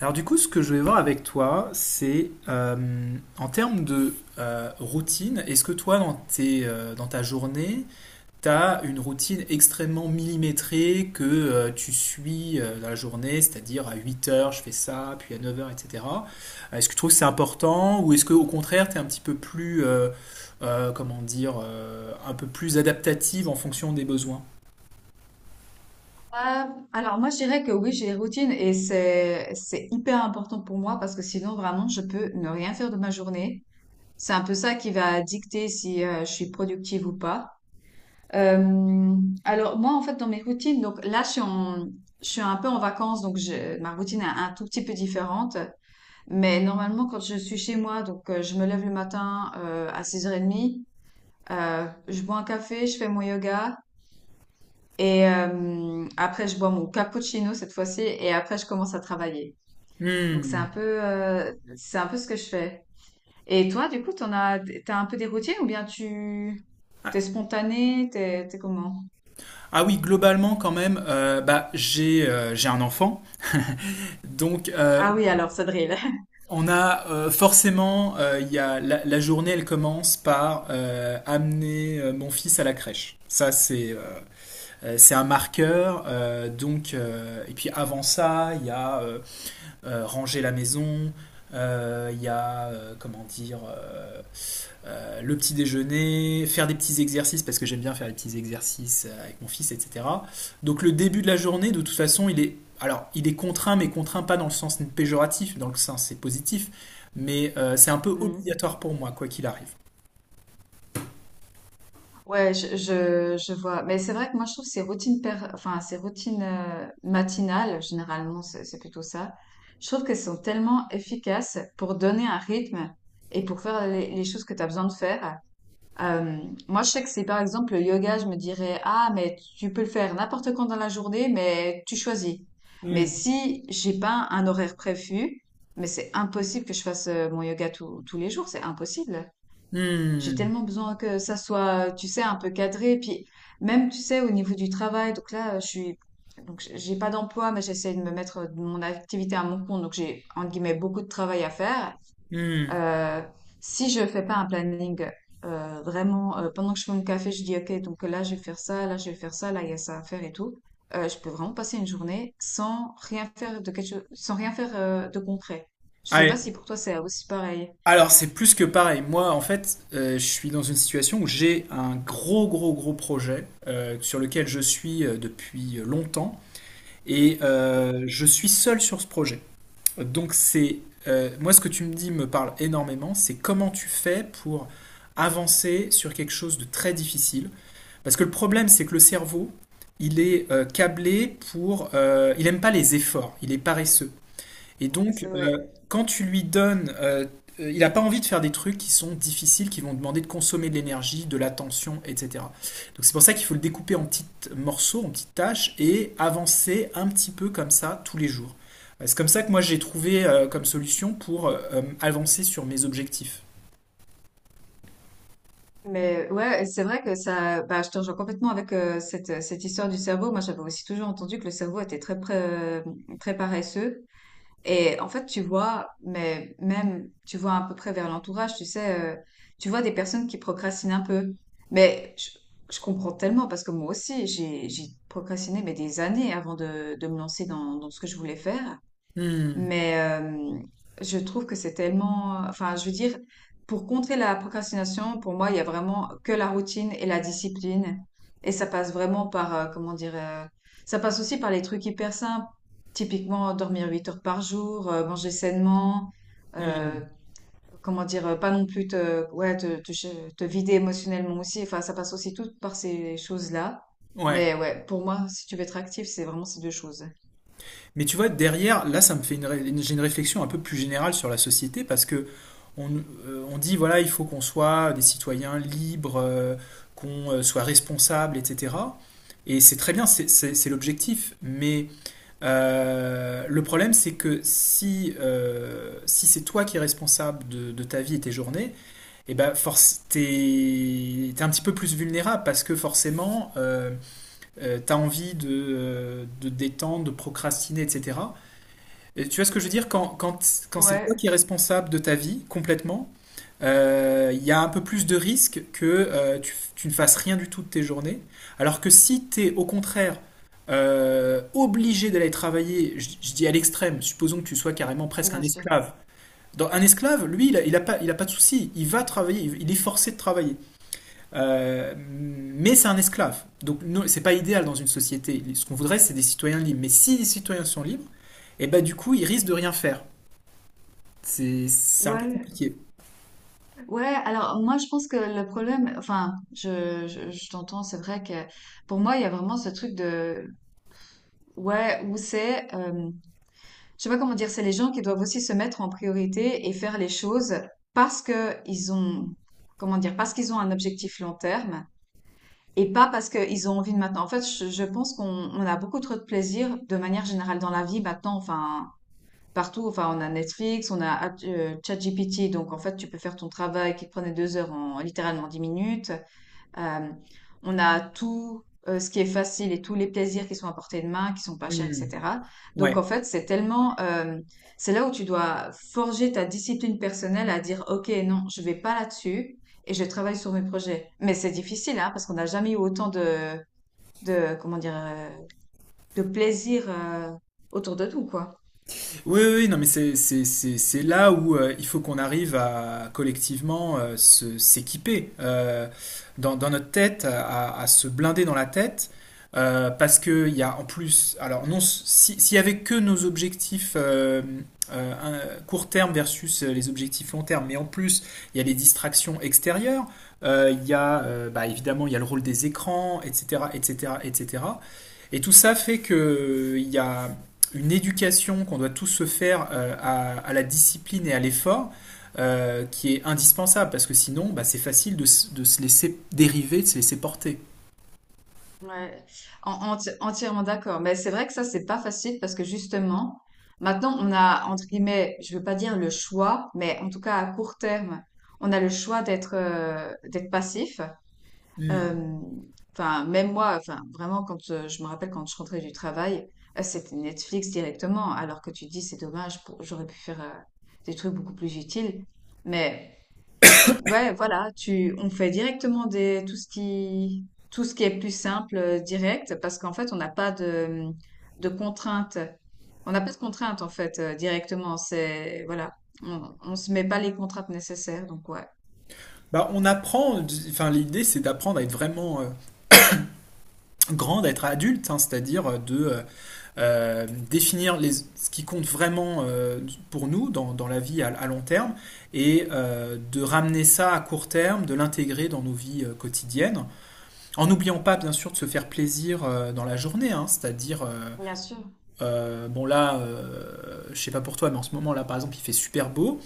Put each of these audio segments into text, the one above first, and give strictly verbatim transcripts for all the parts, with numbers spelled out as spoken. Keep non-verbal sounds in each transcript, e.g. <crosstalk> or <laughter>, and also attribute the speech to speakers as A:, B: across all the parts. A: Alors du coup, ce que je vais voir avec toi, c'est euh, en termes de euh, routine, est-ce que toi, dans tes, euh, dans ta journée, tu as une routine extrêmement millimétrée que euh, tu suis euh, dans la journée, c'est-à-dire à huit heures, je fais ça, puis à neuf heures, et cetera. Euh, Est-ce que tu trouves que c'est important ou est-ce que au contraire, tu es un petit peu plus, euh, euh, comment dire, euh, un peu plus adaptative en fonction des besoins?
B: Euh, alors moi je dirais que oui j'ai des routines et c'est c'est hyper important pour moi parce que sinon vraiment je peux ne rien faire de ma journée. C'est un peu ça qui va dicter si euh, je suis productive ou pas. Euh, alors moi en fait dans mes routines donc là je suis en- je suis un peu en vacances donc je- ma routine est un tout petit peu différente mais normalement quand je suis chez moi donc euh, je me lève le matin euh, à six heures trente, euh, je bois un café, je fais mon yoga et euh, après, je bois mon cappuccino cette fois-ci et après, je commence à travailler. Donc, c'est
A: Hmm.
B: un peu, euh, c'est un peu ce que je fais. Et toi, du coup, t'en as, t'as un peu des routines ou bien tu,
A: Ah
B: t'es spontané, t'es, t'es comment?
A: ah oui, globalement quand même, euh, bah, j'ai euh, j'ai un enfant. Donc, euh,
B: Ah oui, alors, ça drille. <laughs>
A: on a euh, forcément, euh, il y a, la, la journée, elle commence par euh, amener euh, mon fils à la crèche. Ça, c'est euh, euh, c'est un marqueur. Euh, donc, euh, et puis avant ça, il y a euh, euh, ranger la maison, euh, il y a, euh, comment dire, euh, euh, le petit déjeuner, faire des petits exercices parce que j'aime bien faire des petits exercices euh, avec mon fils, et cetera. Donc le début de la journée, de toute façon, il est alors il est contraint, mais contraint pas dans le sens péjoratif, dans le sens c'est positif, mais euh, c'est un peu
B: Mm.
A: obligatoire pour moi quoi qu'il arrive.
B: Ouais, je, je, je vois. Mais c'est vrai que moi, je trouve que ces routines, per- enfin, ces routines euh, matinales, généralement, c'est c'est plutôt ça. Je trouve qu'elles sont tellement efficaces pour donner un rythme et pour faire les, les choses que tu as besoin de faire. Euh, Moi, je sais que c'est par exemple le yoga, je me dirais, ah, mais tu peux le faire n'importe quand dans la journée, mais tu choisis. Mais
A: Hmm.
B: si j'ai pas un horaire prévu, mais c'est impossible que je fasse euh, mon yoga tous tous les jours, c'est impossible. J'ai
A: Hmm,
B: tellement besoin que ça soit, tu sais, un peu cadré. Puis même, tu sais, au niveau du travail, donc là, euh, je suis, donc j- j'ai pas d'emploi, mais j'essaie de me mettre euh, mon activité à mon compte, donc j'ai entre guillemets beaucoup de travail à faire.
A: hmm.
B: Euh, Si je fais pas un planning euh, vraiment, euh, pendant que je fais mon café, je dis, OK, donc là, je vais faire ça, là, je vais faire ça, là, il y a ça à faire et tout, euh, je peux vraiment passer une journée sans rien faire de quelque chose, sans rien faire euh, de concret. Je sais pas
A: Ouais.
B: si pour toi, c'est aussi pareil.
A: Alors, c'est plus que pareil. Moi, en fait, euh, je suis dans une situation où j'ai un gros, gros, gros projet euh, sur lequel je suis euh, depuis longtemps et
B: Ok.
A: euh, je suis seul sur ce projet. Donc c'est euh, Moi ce que tu me dis me parle énormément, c'est comment tu fais pour avancer sur quelque chose de très difficile. Parce que le problème c'est que le cerveau, il est euh, câblé pour... euh, il aime pas les efforts, il est paresseux. Et donc,
B: C'est-
A: euh,
B: Ouais.
A: quand tu lui donnes, euh, euh, il n'a pas envie de faire des trucs qui sont difficiles, qui vont demander de consommer de l'énergie, de l'attention, et cetera. Donc c'est pour ça qu'il faut le découper en petits morceaux, en petites tâches, et avancer un petit peu comme ça tous les jours. Euh, C'est comme ça que moi j'ai trouvé euh, comme solution pour euh, euh, avancer sur mes objectifs.
B: Mais ouais, c'est vrai que ça, bah, je te rejoins complètement avec euh, cette, cette histoire du cerveau. Moi, j'avais aussi toujours entendu que le cerveau était très, pré- euh, très paresseux. Et en fait, tu vois, mais même, tu vois à peu près vers l'entourage, tu sais, euh, tu vois des personnes qui procrastinent un peu. Mais je, je comprends tellement parce que moi aussi, j'ai, j'ai procrastiné mais des années avant de, de me lancer dans, dans ce que je voulais faire.
A: Hmm,
B: Mais euh, je trouve que c'est tellement... Enfin, je veux dire, pour contrer la procrastination, pour moi, il y a vraiment que la routine et la discipline. Et ça passe vraiment par, euh, comment dire, euh, ça passe aussi par les trucs hyper simples. Typiquement, dormir huit heures par jour, euh, manger sainement, euh,
A: hmm,
B: comment dire, euh, pas non plus te, ouais, te, te, ch- te vider émotionnellement aussi. Enfin, ça passe aussi tout par ces choses-là.
A: ouais.
B: Mais ouais, pour moi, si tu veux être actif, c'est vraiment ces deux choses.
A: Mais tu vois, derrière, là, ça me fait une, ré- une- j'ai une réflexion un peu plus générale sur la société parce que on, euh, on dit, voilà, il faut qu'on soit des citoyens libres, euh, qu'on euh, soit responsables, et cetera. Et c'est très bien, c'est c'est- c'est l'objectif. Mais euh, le problème, c'est que si, euh, si c'est toi qui es responsable de, de ta vie et tes journées, eh ben, force, t'es, t'es un petit peu plus vulnérable parce que forcément, euh, tu as envie de, euh, de te détendre, de procrastiner, et cetera. Et tu vois ce que je veux dire? Quand, quand, quand c'est toi qui es
B: Ouais,
A: responsable de ta vie complètement, euh, il y a un peu plus de risque que euh, tu, tu ne fasses rien du tout de tes journées. Alors que si tu es au contraire euh, obligé d'aller travailler, je, je dis à l'extrême, supposons que tu sois carrément presque un
B: bien sûr.
A: esclave. Dans, un esclave, lui, il n'a il a pas, il a pas de souci, il va travailler, il, il est forcé de travailler. Euh, mais c'est un esclave. Donc non, c'est pas idéal dans une société. Ce qu'on voudrait, c'est des citoyens libres. Mais si les citoyens sont libres, et ben, du coup, ils risquent de rien faire. C'est c'est un peu
B: Ouais,
A: compliqué.
B: ouais. Alors moi, je pense que le problème, enfin, je, je, je t'entends. C'est vrai que pour moi, il y a vraiment ce truc de, ouais, où c'est. Je sais pas comment dire, c'est les gens qui doivent aussi se mettre en priorité et faire les choses parce que ils ont, comment dire, parce qu'ils ont un objectif long terme et pas parce qu'ils ont envie de maintenant. En fait, je, je pense qu'on on a beaucoup trop de plaisir de manière générale dans la vie maintenant, enfin, partout, enfin, on a Netflix, on a euh, ChatGPT, donc en fait, tu peux faire ton travail qui te prenait deux heures en littéralement dix minutes. Euh, on a tout euh, ce qui est facile et tous les plaisirs qui sont à portée de main, qui sont pas chers,
A: Hmm.
B: et cetera. Donc en
A: Ouais.
B: fait, c'est tellement, euh, c'est là où tu dois forger ta discipline personnelle à dire, ok, non, je vais pas là-dessus et je travaille sur mes projets. Mais c'est difficile, hein, parce qu'on n'a jamais eu autant de, de, comment dire, euh, de plaisir euh, autour de tout, quoi.
A: Oui, oui, oui, non, mais c'est c'est- c'est- c'est là où euh, il faut qu'on arrive à collectivement euh, se- s'équiper euh, dans, dans notre tête, à, à se blinder dans la tête, euh, parce que il y a en plus, alors non, si- s'il y avait que nos objectifs euh, euh, un- court terme versus euh, les objectifs long terme, mais en plus il y a les distractions extérieures, euh, il y a euh, bah, évidemment il y a le rôle des écrans, et cetera, et cetera, et cetera. Et cetera. Et tout ça fait que il y a une éducation qu'on doit tous se faire euh, à, à la discipline et à l'effort euh, qui est indispensable parce que sinon bah, c'est facile de, s- de se laisser dériver, de se laisser porter.
B: Ouais, en- enti- entièrement d'accord. Mais c'est vrai que ça, c'est pas facile parce que justement, maintenant, on a, entre guillemets, je veux pas dire le choix, mais en tout cas à court terme, on a le choix d'être euh, d'être passif.
A: Hmm.
B: Euh, Enfin, même moi, enfin, vraiment, quand euh, je me rappelle quand je rentrais du travail, euh, c'était Netflix directement, alors que tu te dis, c'est dommage, pour- j'aurais pu faire euh, des trucs beaucoup plus utiles. Mais ouais, voilà, tu, on fait directement des, tout ce qui, tout ce qui est plus simple, euh, direct, parce qu'en fait, on n'a pas de, de contraintes. On n'a pas de contraintes, en fait, euh, directement. C'est, voilà, on, on se met pas les contraintes nécessaires, donc ouais.
A: Bah, on apprend, enfin l'idée c'est d'apprendre à être vraiment euh, grand, à être adulte, hein, c'est-à-dire euh, de euh, euh, définir les, ce qui compte vraiment euh, pour nous dans, dans la vie à, à long terme et euh, de ramener ça à court terme, de l'intégrer dans nos vies euh, quotidiennes. En n'oubliant pas, bien sûr, de se faire plaisir euh, dans la journée, hein, c'est-à-dire, euh,
B: Bien sûr.
A: euh, bon là, euh, je sais pas pour toi, mais en ce moment là, par exemple, il fait super beau.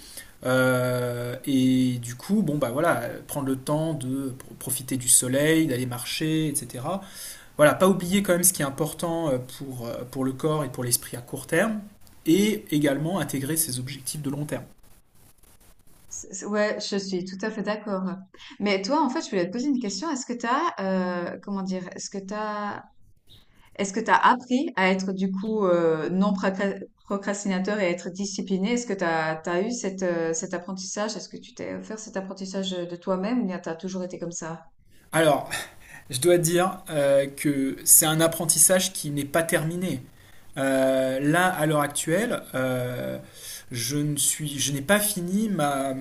A: Euh, et du coup, bon bah voilà, prendre le temps de pro- profiter du soleil, d'aller marcher, et cetera. Voilà, pas oublier quand même ce qui est important euh, pour, euh, pour le corps et pour l'esprit à court terme, et également intégrer ses objectifs de long terme.
B: C'est- c'est- Ouais, je suis tout à fait d'accord. Mais toi, en fait, je voulais te poser une question. Est-ce que t'as, euh, comment dire, est-ce que t'as Est-ce que tu as appris à être du coup euh, non procra- procrastinateur et à être discipliné? Est-ce que tu as eu cette, euh, cet apprentissage? Est-ce que tu t'es offert cet apprentissage de toi-même ou bien tu as toujours été comme ça?
A: Alors, je dois dire euh, que c'est un apprentissage qui n'est pas terminé. Euh, là, à l'heure actuelle, euh, je ne suis, je n'ai pas fini ma.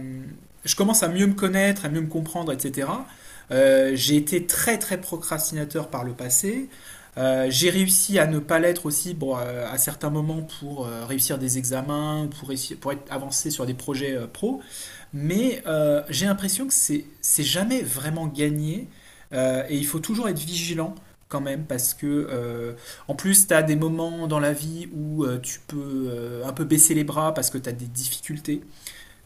A: Je commence à mieux me connaître, à mieux me comprendre, et cetera. Euh, j'ai été très très procrastinateur par le passé. Euh, j'ai réussi à ne pas l'être aussi bon, euh, à certains moments pour euh, réussir des examens, pour, réussir- pour être avancé sur des projets euh, pro. Mais euh, j'ai l'impression que c'est c'est jamais vraiment gagné euh, et il faut toujours être vigilant quand même parce que euh, en plus tu as des moments dans la vie où euh, tu peux euh, un peu baisser les bras parce que tu as des difficultés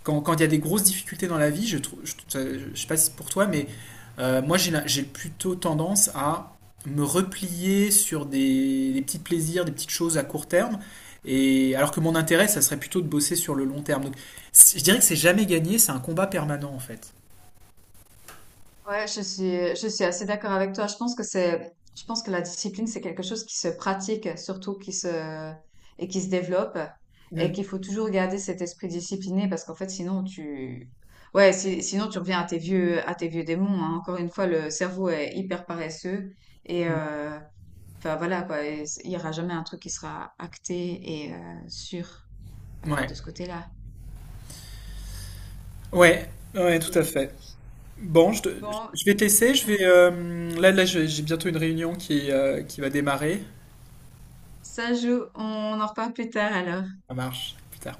A: quand quand il y a des grosses difficultés dans la vie, je trouve, je, je- sais pas si c'est pour toi, mais euh, moi j'ai la- j'ai plutôt tendance à me replier sur des, des petits plaisirs, des petites choses à court terme, et alors que mon intérêt, ça serait plutôt de bosser sur le long terme. Donc, c- je dirais que c'est jamais gagné, c'est un combat permanent en fait.
B: Ouais, je suis, je suis assez d'accord avec toi. Je pense que c'est, je pense que la discipline, c'est quelque chose qui se pratique, surtout qui se, et qui se développe, et
A: Mm,
B: qu'il faut toujours garder cet esprit discipliné parce qu'en fait, sinon tu, ouais, si- sinon tu reviens à tes vieux, à tes vieux démons, hein. Encore une fois, le cerveau est hyper paresseux et,
A: mm.
B: euh, enfin voilà quoi, et c- il n'y aura jamais un truc qui sera acté et euh, sûr euh, de
A: Ouais,
B: ce côté-là.
A: ouais, ouais,
B: Ok.
A: tout à fait. Bon, je, te-
B: Bon,
A: je vais te laisser, je vais euh, là, là, j'ai j'ai bientôt une réunion qui, euh, qui va démarrer.
B: ça joue, on en reparle plus tard alors.
A: Ça marche, plus tard.